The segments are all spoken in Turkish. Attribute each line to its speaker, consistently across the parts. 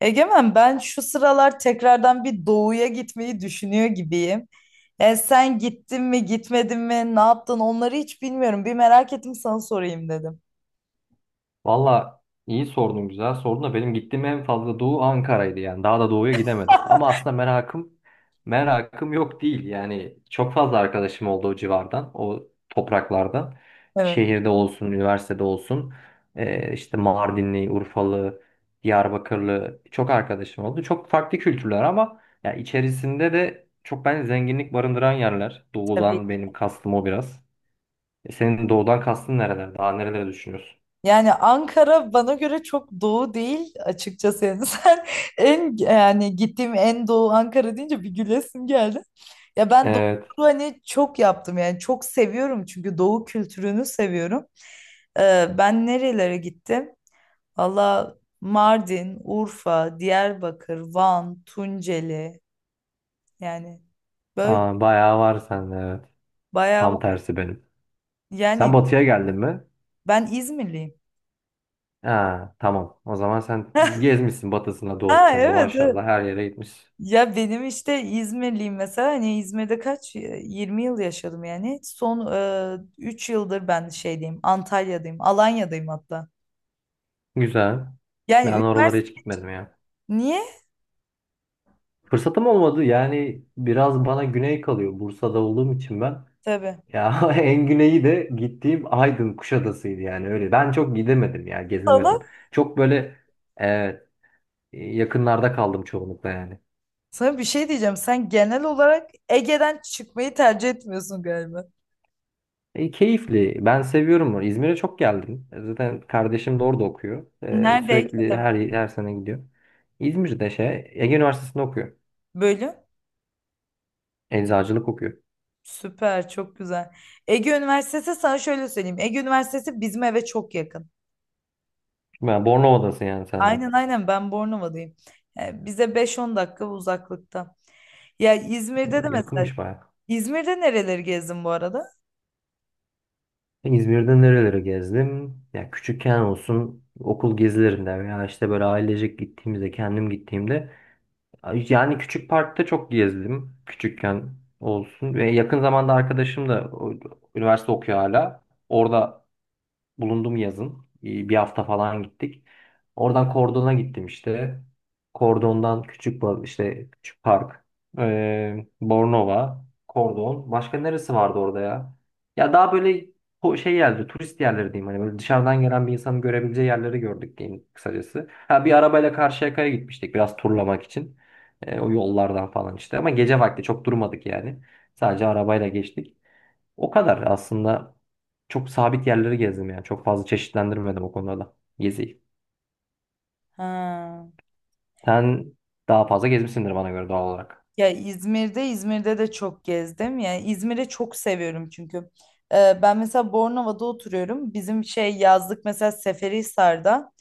Speaker 1: Egemen, ben şu sıralar tekrardan bir doğuya gitmeyi düşünüyor gibiyim. Yani sen gittin mi gitmedin mi ne yaptın onları hiç bilmiyorum. Bir merak ettim, sana sorayım dedim.
Speaker 2: Valla iyi sordun güzel sordun da benim gittiğim en fazla doğu Ankara'ydı yani daha da doğuya gidemedim. Ama aslında merakım yok değil yani çok fazla arkadaşım oldu o civardan o topraklardan.
Speaker 1: Evet,
Speaker 2: Şehirde olsun üniversitede olsun işte Mardinli, Urfalı, Diyarbakırlı çok arkadaşım oldu. Çok farklı kültürler ama ya içerisinde de çok ben zenginlik barındıran yerler.
Speaker 1: tabii.
Speaker 2: Doğudan benim kastım o biraz. Senin doğudan kastın nereler? Daha nereleri düşünüyorsun?
Speaker 1: Yani Ankara bana göre çok doğu değil açıkçası. Yani sen en yani gittiğim en doğu Ankara deyince bir gülesim geldi. Ya ben doğu turu hani çok yaptım, yani çok seviyorum çünkü doğu kültürünü seviyorum. Ben nerelere gittim? Valla, Mardin, Urfa, Diyarbakır, Van, Tunceli, yani böyle
Speaker 2: Aa, bayağı var sende evet.
Speaker 1: bayağı
Speaker 2: Tam
Speaker 1: var.
Speaker 2: tersi benim. Sen
Speaker 1: Yani
Speaker 2: batıya geldin mi?
Speaker 1: ben İzmirliyim.
Speaker 2: Ha, tamam. O zaman sen gezmişsin batısında
Speaker 1: Ha,
Speaker 2: doğusunda
Speaker 1: evet, evet.
Speaker 2: maşallah her yere gitmişsin.
Speaker 1: Ya benim işte İzmirliyim, mesela hani İzmir'de 20 yıl yaşadım yani. Son 3 yıldır ben şeydeyim, Antalya'dayım, Alanya'dayım hatta.
Speaker 2: Güzel.
Speaker 1: Yani
Speaker 2: Ben oralara hiç
Speaker 1: üniversite,
Speaker 2: gitmedim ya.
Speaker 1: niye?
Speaker 2: Fırsatım olmadı yani biraz bana güney kalıyor. Bursa'da olduğum için ben.
Speaker 1: Tabii.
Speaker 2: Ya en güneyi de gittiğim Aydın Kuşadası'ydı yani öyle. Ben çok gidemedim ya gezemedim.
Speaker 1: Sana,
Speaker 2: Çok böyle e, yakınlarda kaldım çoğunlukla yani.
Speaker 1: sana bir şey diyeceğim. Sen genel olarak Ege'den çıkmayı tercih etmiyorsun galiba.
Speaker 2: Keyifli. Ben seviyorum onu. İzmir'e çok geldim. Zaten kardeşim de orada okuyor.
Speaker 1: Nerede,
Speaker 2: Sürekli
Speaker 1: Ege'de mi?
Speaker 2: her sene gidiyor. İzmir'de şey Ege Üniversitesi'nde okuyor.
Speaker 1: Bölüm?
Speaker 2: Eczacılık okuyor.
Speaker 1: Süper, çok güzel. Ege Üniversitesi, sana şöyle söyleyeyim. Ege Üniversitesi bizim eve çok yakın.
Speaker 2: Yani Bornova'dasın yani sen de.
Speaker 1: Aynen, aynen, ben Bornova'dayım. Yani bize beş on dakika uzaklıkta. Ya İzmir'de de mesela,
Speaker 2: Yakınmış bayağı.
Speaker 1: İzmir'de nereleri gezdin bu arada?
Speaker 2: İzmir'de nerelere gezdim? Ya küçükken olsun okul gezilerinde veya işte böyle ailecek gittiğimizde, kendim gittiğimde yani küçük parkta çok gezdim. Küçükken olsun ve yakın zamanda arkadaşım da o, üniversite okuyor hala. Orada bulundum yazın. Bir hafta falan gittik. Oradan Kordon'a gittim işte. Kordon'dan işte küçük park. Bornova, Kordon. Başka neresi vardı orada ya? Ya daha böyle o şey geldi, turist yerleri diyeyim hani böyle dışarıdan gelen bir insanın görebileceği yerleri gördük diyeyim kısacası. Ha bir arabayla Karşıyaka'ya gitmiştik biraz turlamak için. O yollardan falan işte ama gece vakti çok durmadık yani. Sadece arabayla geçtik. O kadar aslında çok sabit yerleri gezdim yani. Çok fazla çeşitlendirmedim o konuda da geziyi.
Speaker 1: Ha.
Speaker 2: Sen daha fazla gezmişsindir bana göre doğal olarak.
Speaker 1: Ya İzmir'de, İzmir'de de çok gezdim. Yani İzmir'i çok seviyorum çünkü. Ben mesela Bornova'da oturuyorum. Bizim şey yazlık mesela Seferihisar'da.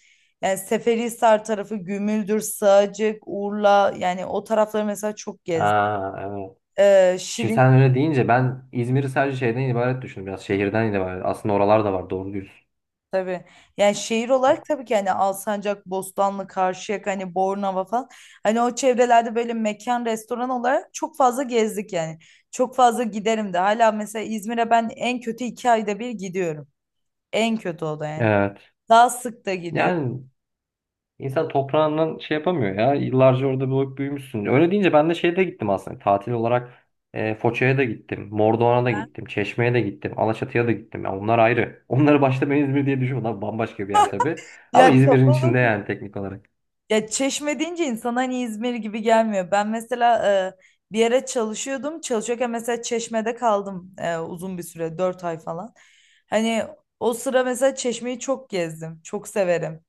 Speaker 1: Yani Seferihisar tarafı Gümüldür, Sığacık, Urla, yani o tarafları mesela çok gezdim.
Speaker 2: Ha, evet. Şimdi
Speaker 1: Şirin
Speaker 2: sen öyle deyince ben İzmir'i sadece şeyden ibaret düşündüm. Biraz şehirden ibaret. Aslında oralar da var doğru diyorsun.
Speaker 1: Tabii. Yani şehir olarak tabii ki hani Alsancak, Bostanlı, Karşıyaka, hani Bornova falan. Hani o çevrelerde böyle mekan, restoran olarak çok fazla gezdik yani. Çok fazla giderim de. Hala mesela İzmir'e ben en kötü 2 ayda bir gidiyorum. En kötü o da yani.
Speaker 2: Evet.
Speaker 1: Daha sık da gidiyorum.
Speaker 2: Yani İnsan toprağından şey yapamıyor ya. Yıllarca orada büyük büyümüşsün. Öyle deyince ben de şeye de gittim aslında. Tatil olarak Foça'ya da gittim. Mordoğan'a da
Speaker 1: Ben-
Speaker 2: gittim. Çeşme'ye de gittim. Alaçatı'ya da gittim. Ya onlar ayrı. Onları başta ben İzmir diye düşünüyorum. Onlar bambaşka bir yer tabii. Ama
Speaker 1: Ya
Speaker 2: İzmir'in içinde
Speaker 1: kapalı
Speaker 2: yani teknik olarak.
Speaker 1: Ya Çeşme deyince insan hani İzmir gibi gelmiyor. Ben mesela bir yere çalışıyordum. Çalışıyorken mesela Çeşme'de kaldım, uzun bir süre, 4 ay falan. Hani o sıra mesela Çeşme'yi çok gezdim. Çok severim.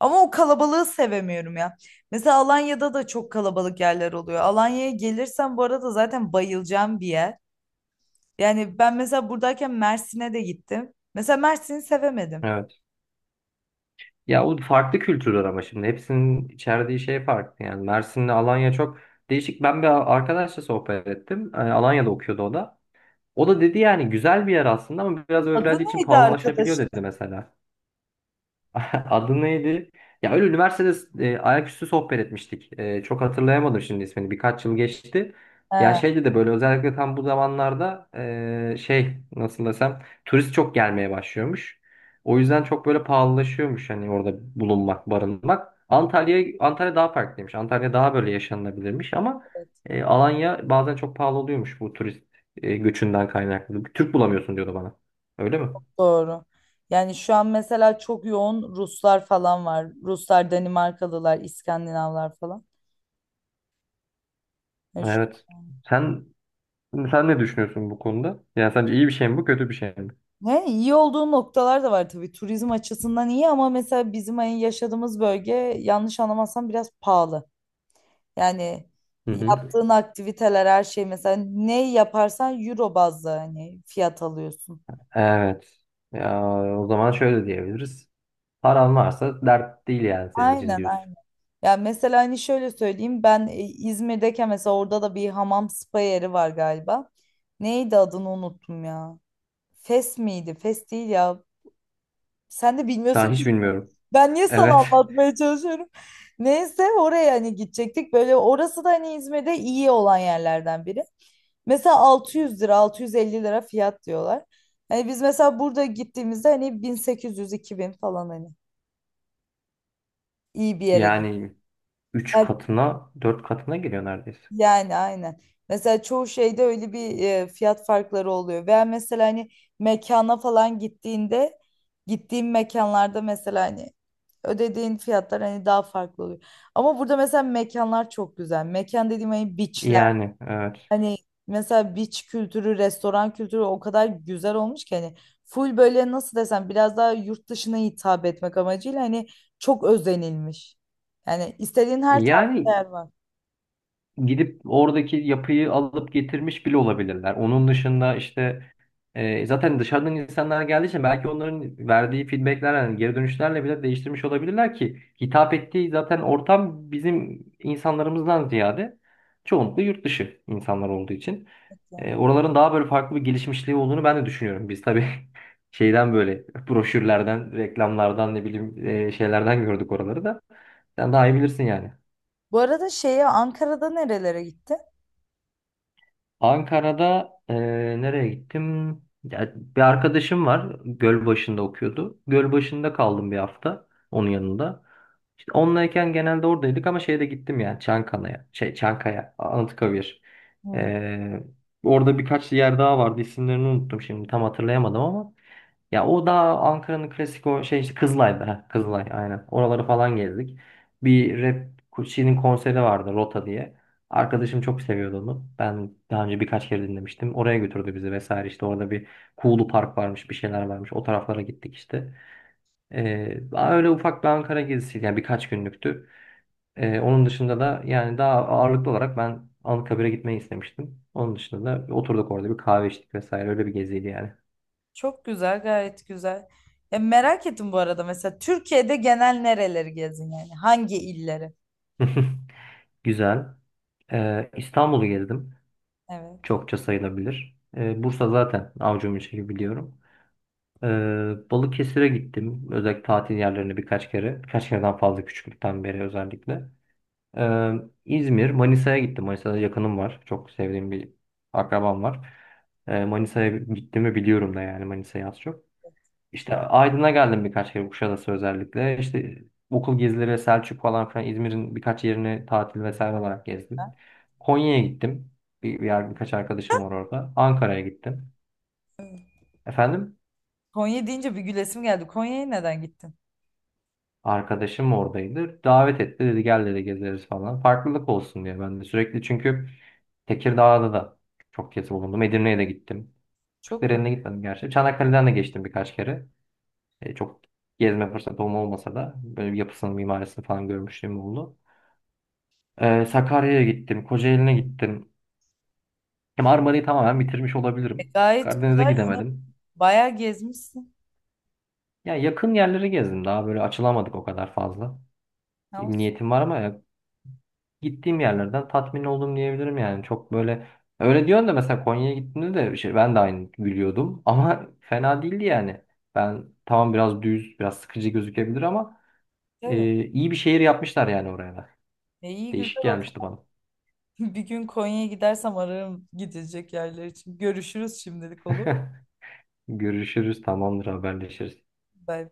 Speaker 1: Ama o kalabalığı sevemiyorum ya. Mesela Alanya'da da çok kalabalık yerler oluyor. Alanya'ya gelirsem bu arada zaten bayılacağım bir yer. Yani ben mesela buradayken Mersin'e de gittim. Mesela Mersin'i sevemedim.
Speaker 2: Evet. Ya o farklı kültürler ama şimdi. Hepsinin içerdiği şey farklı. Yani Mersin'le Alanya çok değişik. Ben bir arkadaşla sohbet ettim. Alanya'da okuyordu o da. O da dedi yani güzel bir yer aslında ama biraz
Speaker 1: Adı
Speaker 2: öğrenci için
Speaker 1: neydi
Speaker 2: pahalılaşabiliyor
Speaker 1: arkadaşın?
Speaker 2: dedi mesela. Adı neydi? Ya öyle üniversitede ayaküstü sohbet etmiştik. Çok hatırlayamadım şimdi ismini. Birkaç yıl geçti. Ya
Speaker 1: He.
Speaker 2: şeydi de böyle özellikle tam bu zamanlarda şey nasıl desem turist çok gelmeye başlıyormuş. O yüzden çok böyle pahalılaşıyormuş hani orada bulunmak, barınmak. Antalya daha farklıymış. Antalya daha böyle yaşanılabilirmiş ama Alanya bazen çok pahalı oluyormuş bu turist göçünden kaynaklı. Türk bulamıyorsun diyordu bana. Öyle mi?
Speaker 1: Doğru. Yani şu an mesela çok yoğun Ruslar falan var. Ruslar, Danimarkalılar, İskandinavlar falan. Yani şu-
Speaker 2: Evet. Sen Şimdi sen ne düşünüyorsun bu konuda? Yani sence iyi bir şey mi bu, kötü bir şey mi?
Speaker 1: he, iyi olduğu noktalar da var tabii. Turizm açısından iyi, ama mesela bizim hani yaşadığımız bölge, yanlış anlamazsam, biraz pahalı. Yani
Speaker 2: Hı hı.
Speaker 1: yaptığın aktiviteler her şey, mesela ne yaparsan euro bazlı hani fiyat alıyorsun.
Speaker 2: Evet. Ya, o zaman şöyle diyebiliriz. Paran varsa dert değil yani senin için
Speaker 1: Aynen,
Speaker 2: diyorsun.
Speaker 1: aynen. Ya mesela hani şöyle söyleyeyim, ben İzmir'deyken mesela orada da bir hamam spa yeri var galiba. Neydi adını unuttum ya. Fes miydi? Fes değil ya. Sen de bilmiyorsun
Speaker 2: Ben
Speaker 1: ki.
Speaker 2: hiç bilmiyorum.
Speaker 1: Ben niye
Speaker 2: Evet.
Speaker 1: sana anlatmaya çalışıyorum? Neyse, oraya hani gidecektik. Böyle orası da hani İzmir'de iyi olan yerlerden biri. Mesela 600 lira, 650 lira fiyat diyorlar. Hani biz mesela burada gittiğimizde hani 1800-2000 falan hani iyi bir yere gittik.
Speaker 2: Yani 3 katına, 4 katına geliyor neredeyse.
Speaker 1: Yani aynen. Mesela çoğu şeyde öyle bir fiyat farkları oluyor. Veya mesela hani mekana falan gittiğinde, gittiğim mekanlarda mesela hani ödediğin fiyatlar hani daha farklı oluyor. Ama burada mesela mekanlar çok güzel. Mekan dediğim hani beachler.
Speaker 2: Yani evet.
Speaker 1: Hani mesela beach kültürü, restoran kültürü o kadar güzel olmuş ki hani full böyle nasıl desem, biraz daha yurt dışına hitap etmek amacıyla hani çok özenilmiş. Yani istediğin her tarz
Speaker 2: Yani
Speaker 1: yer var.
Speaker 2: gidip oradaki yapıyı alıp getirmiş bile olabilirler. Onun dışında işte zaten dışarıdan insanlar geldiği için belki onların verdiği feedbackler yani geri dönüşlerle bile değiştirmiş olabilirler ki hitap ettiği zaten ortam bizim insanlarımızdan ziyade çoğunlukla yurt dışı insanlar olduğu için oraların daha böyle farklı bir gelişmişliği olduğunu ben de düşünüyorum. Biz tabii şeyden böyle broşürlerden, reklamlardan ne bileyim şeylerden gördük oraları da. Sen daha iyi bilirsin yani.
Speaker 1: Bu arada şeye Ankara'da nerelere gittin?
Speaker 2: Ankara'da nereye gittim? Ya, bir arkadaşım var. Gölbaşı'nda okuyordu. Gölbaşı'nda kaldım bir hafta onun yanında. İşte onlayken genelde oradaydık ama şeye de gittim yani Çankaya'ya. Şey, Çankaya, Anıtkabir.
Speaker 1: Hı.
Speaker 2: E, Orada birkaç yer daha vardı. İsimlerini unuttum şimdi tam hatırlayamadım ama. Ya o daha Ankara'nın klasik o şey işte Kızılay'da. Kızılay aynen. Oraları falan gezdik. Bir rap şeyinin konseri vardı Rota diye. Arkadaşım çok seviyordu onu. Ben daha önce birkaç kere dinlemiştim. Oraya götürdü bizi vesaire. İşte orada bir Kuğulu Park varmış, bir şeyler varmış. O taraflara gittik işte. Öyle ufak bir Ankara gezisiydi. Yani birkaç günlüktü. Onun dışında da yani daha ağırlıklı olarak ben Anıtkabir'e gitmeyi istemiştim. Onun dışında da oturduk orada bir kahve içtik vesaire. Öyle bir geziydi yani.
Speaker 1: Çok güzel, gayet güzel. Ya merak ettim bu arada mesela Türkiye'de genel nereleri gezin yani? Hangi illeri?
Speaker 2: Güzel. İstanbul'u gezdim.
Speaker 1: Evet.
Speaker 2: Çokça sayılabilir. Bursa zaten avucumun içi biliyorum. Balıkesir'e gittim. Özellikle tatil yerlerine birkaç kere. Birkaç kereden fazla küçüklükten beri özellikle. Ee, İzmir, Manisa'ya gittim. Manisa'da yakınım var. Çok sevdiğim bir akrabam var. Manisa'ya gittiğimi biliyorum da yani Manisa'yı az çok. İşte Aydın'a geldim birkaç kere Kuşadası özellikle. İşte okul gezileri, Selçuk falan filan İzmir'in birkaç yerini tatil vesaire olarak
Speaker 1: Ha?
Speaker 2: gezdim. Konya'ya gittim. Bir yer birkaç arkadaşım var orada. Ankara'ya gittim. Efendim?
Speaker 1: Konya deyince bir gülesim geldi. Konya'ya neden gittin?
Speaker 2: Arkadaşım oradaydı. Davet etti dedi gel dedi gezeriz falan. Farklılık olsun diye ben de sürekli çünkü Tekirdağ'da da çok kez bulundum. Edirne'ye de gittim.
Speaker 1: Çok güzel.
Speaker 2: Kırklareli'ne gitmedim gerçi. Çanakkale'den de geçtim birkaç kere. Çok gezme fırsatım olmasa da böyle bir yapısını, mimarisini falan görmüşlüğüm oldu. Sakarya'ya gittim, Kocaeli'ne gittim. Ya Marmara'yı tamamen bitirmiş
Speaker 1: E,
Speaker 2: olabilirim.
Speaker 1: gayet
Speaker 2: Karadeniz'e
Speaker 1: güzel. Yine
Speaker 2: gidemedim.
Speaker 1: bayağı gezmişsin.
Speaker 2: Ya yakın yerleri gezdim. Daha böyle açılamadık o kadar fazla.
Speaker 1: Ama
Speaker 2: Niyetim var ama ya gittiğim yerlerden tatmin oldum diyebilirim yani. Çok böyle öyle diyorsun da mesela Konya'ya gittiğimde de şey, ben de aynı gülüyordum ama fena değildi yani. Ben tamam biraz düz, biraz sıkıcı gözükebilir ama
Speaker 1: evet.
Speaker 2: iyi bir şehir yapmışlar yani oraya da.
Speaker 1: E, iyi
Speaker 2: Değişik
Speaker 1: güzel oldu.
Speaker 2: gelmişti bana.
Speaker 1: Bir gün Konya'ya gidersem ararım gidecek yerler için. Görüşürüz şimdilik, mu?
Speaker 2: Görüşürüz, tamamdır, haberleşiriz.
Speaker 1: Bay bay.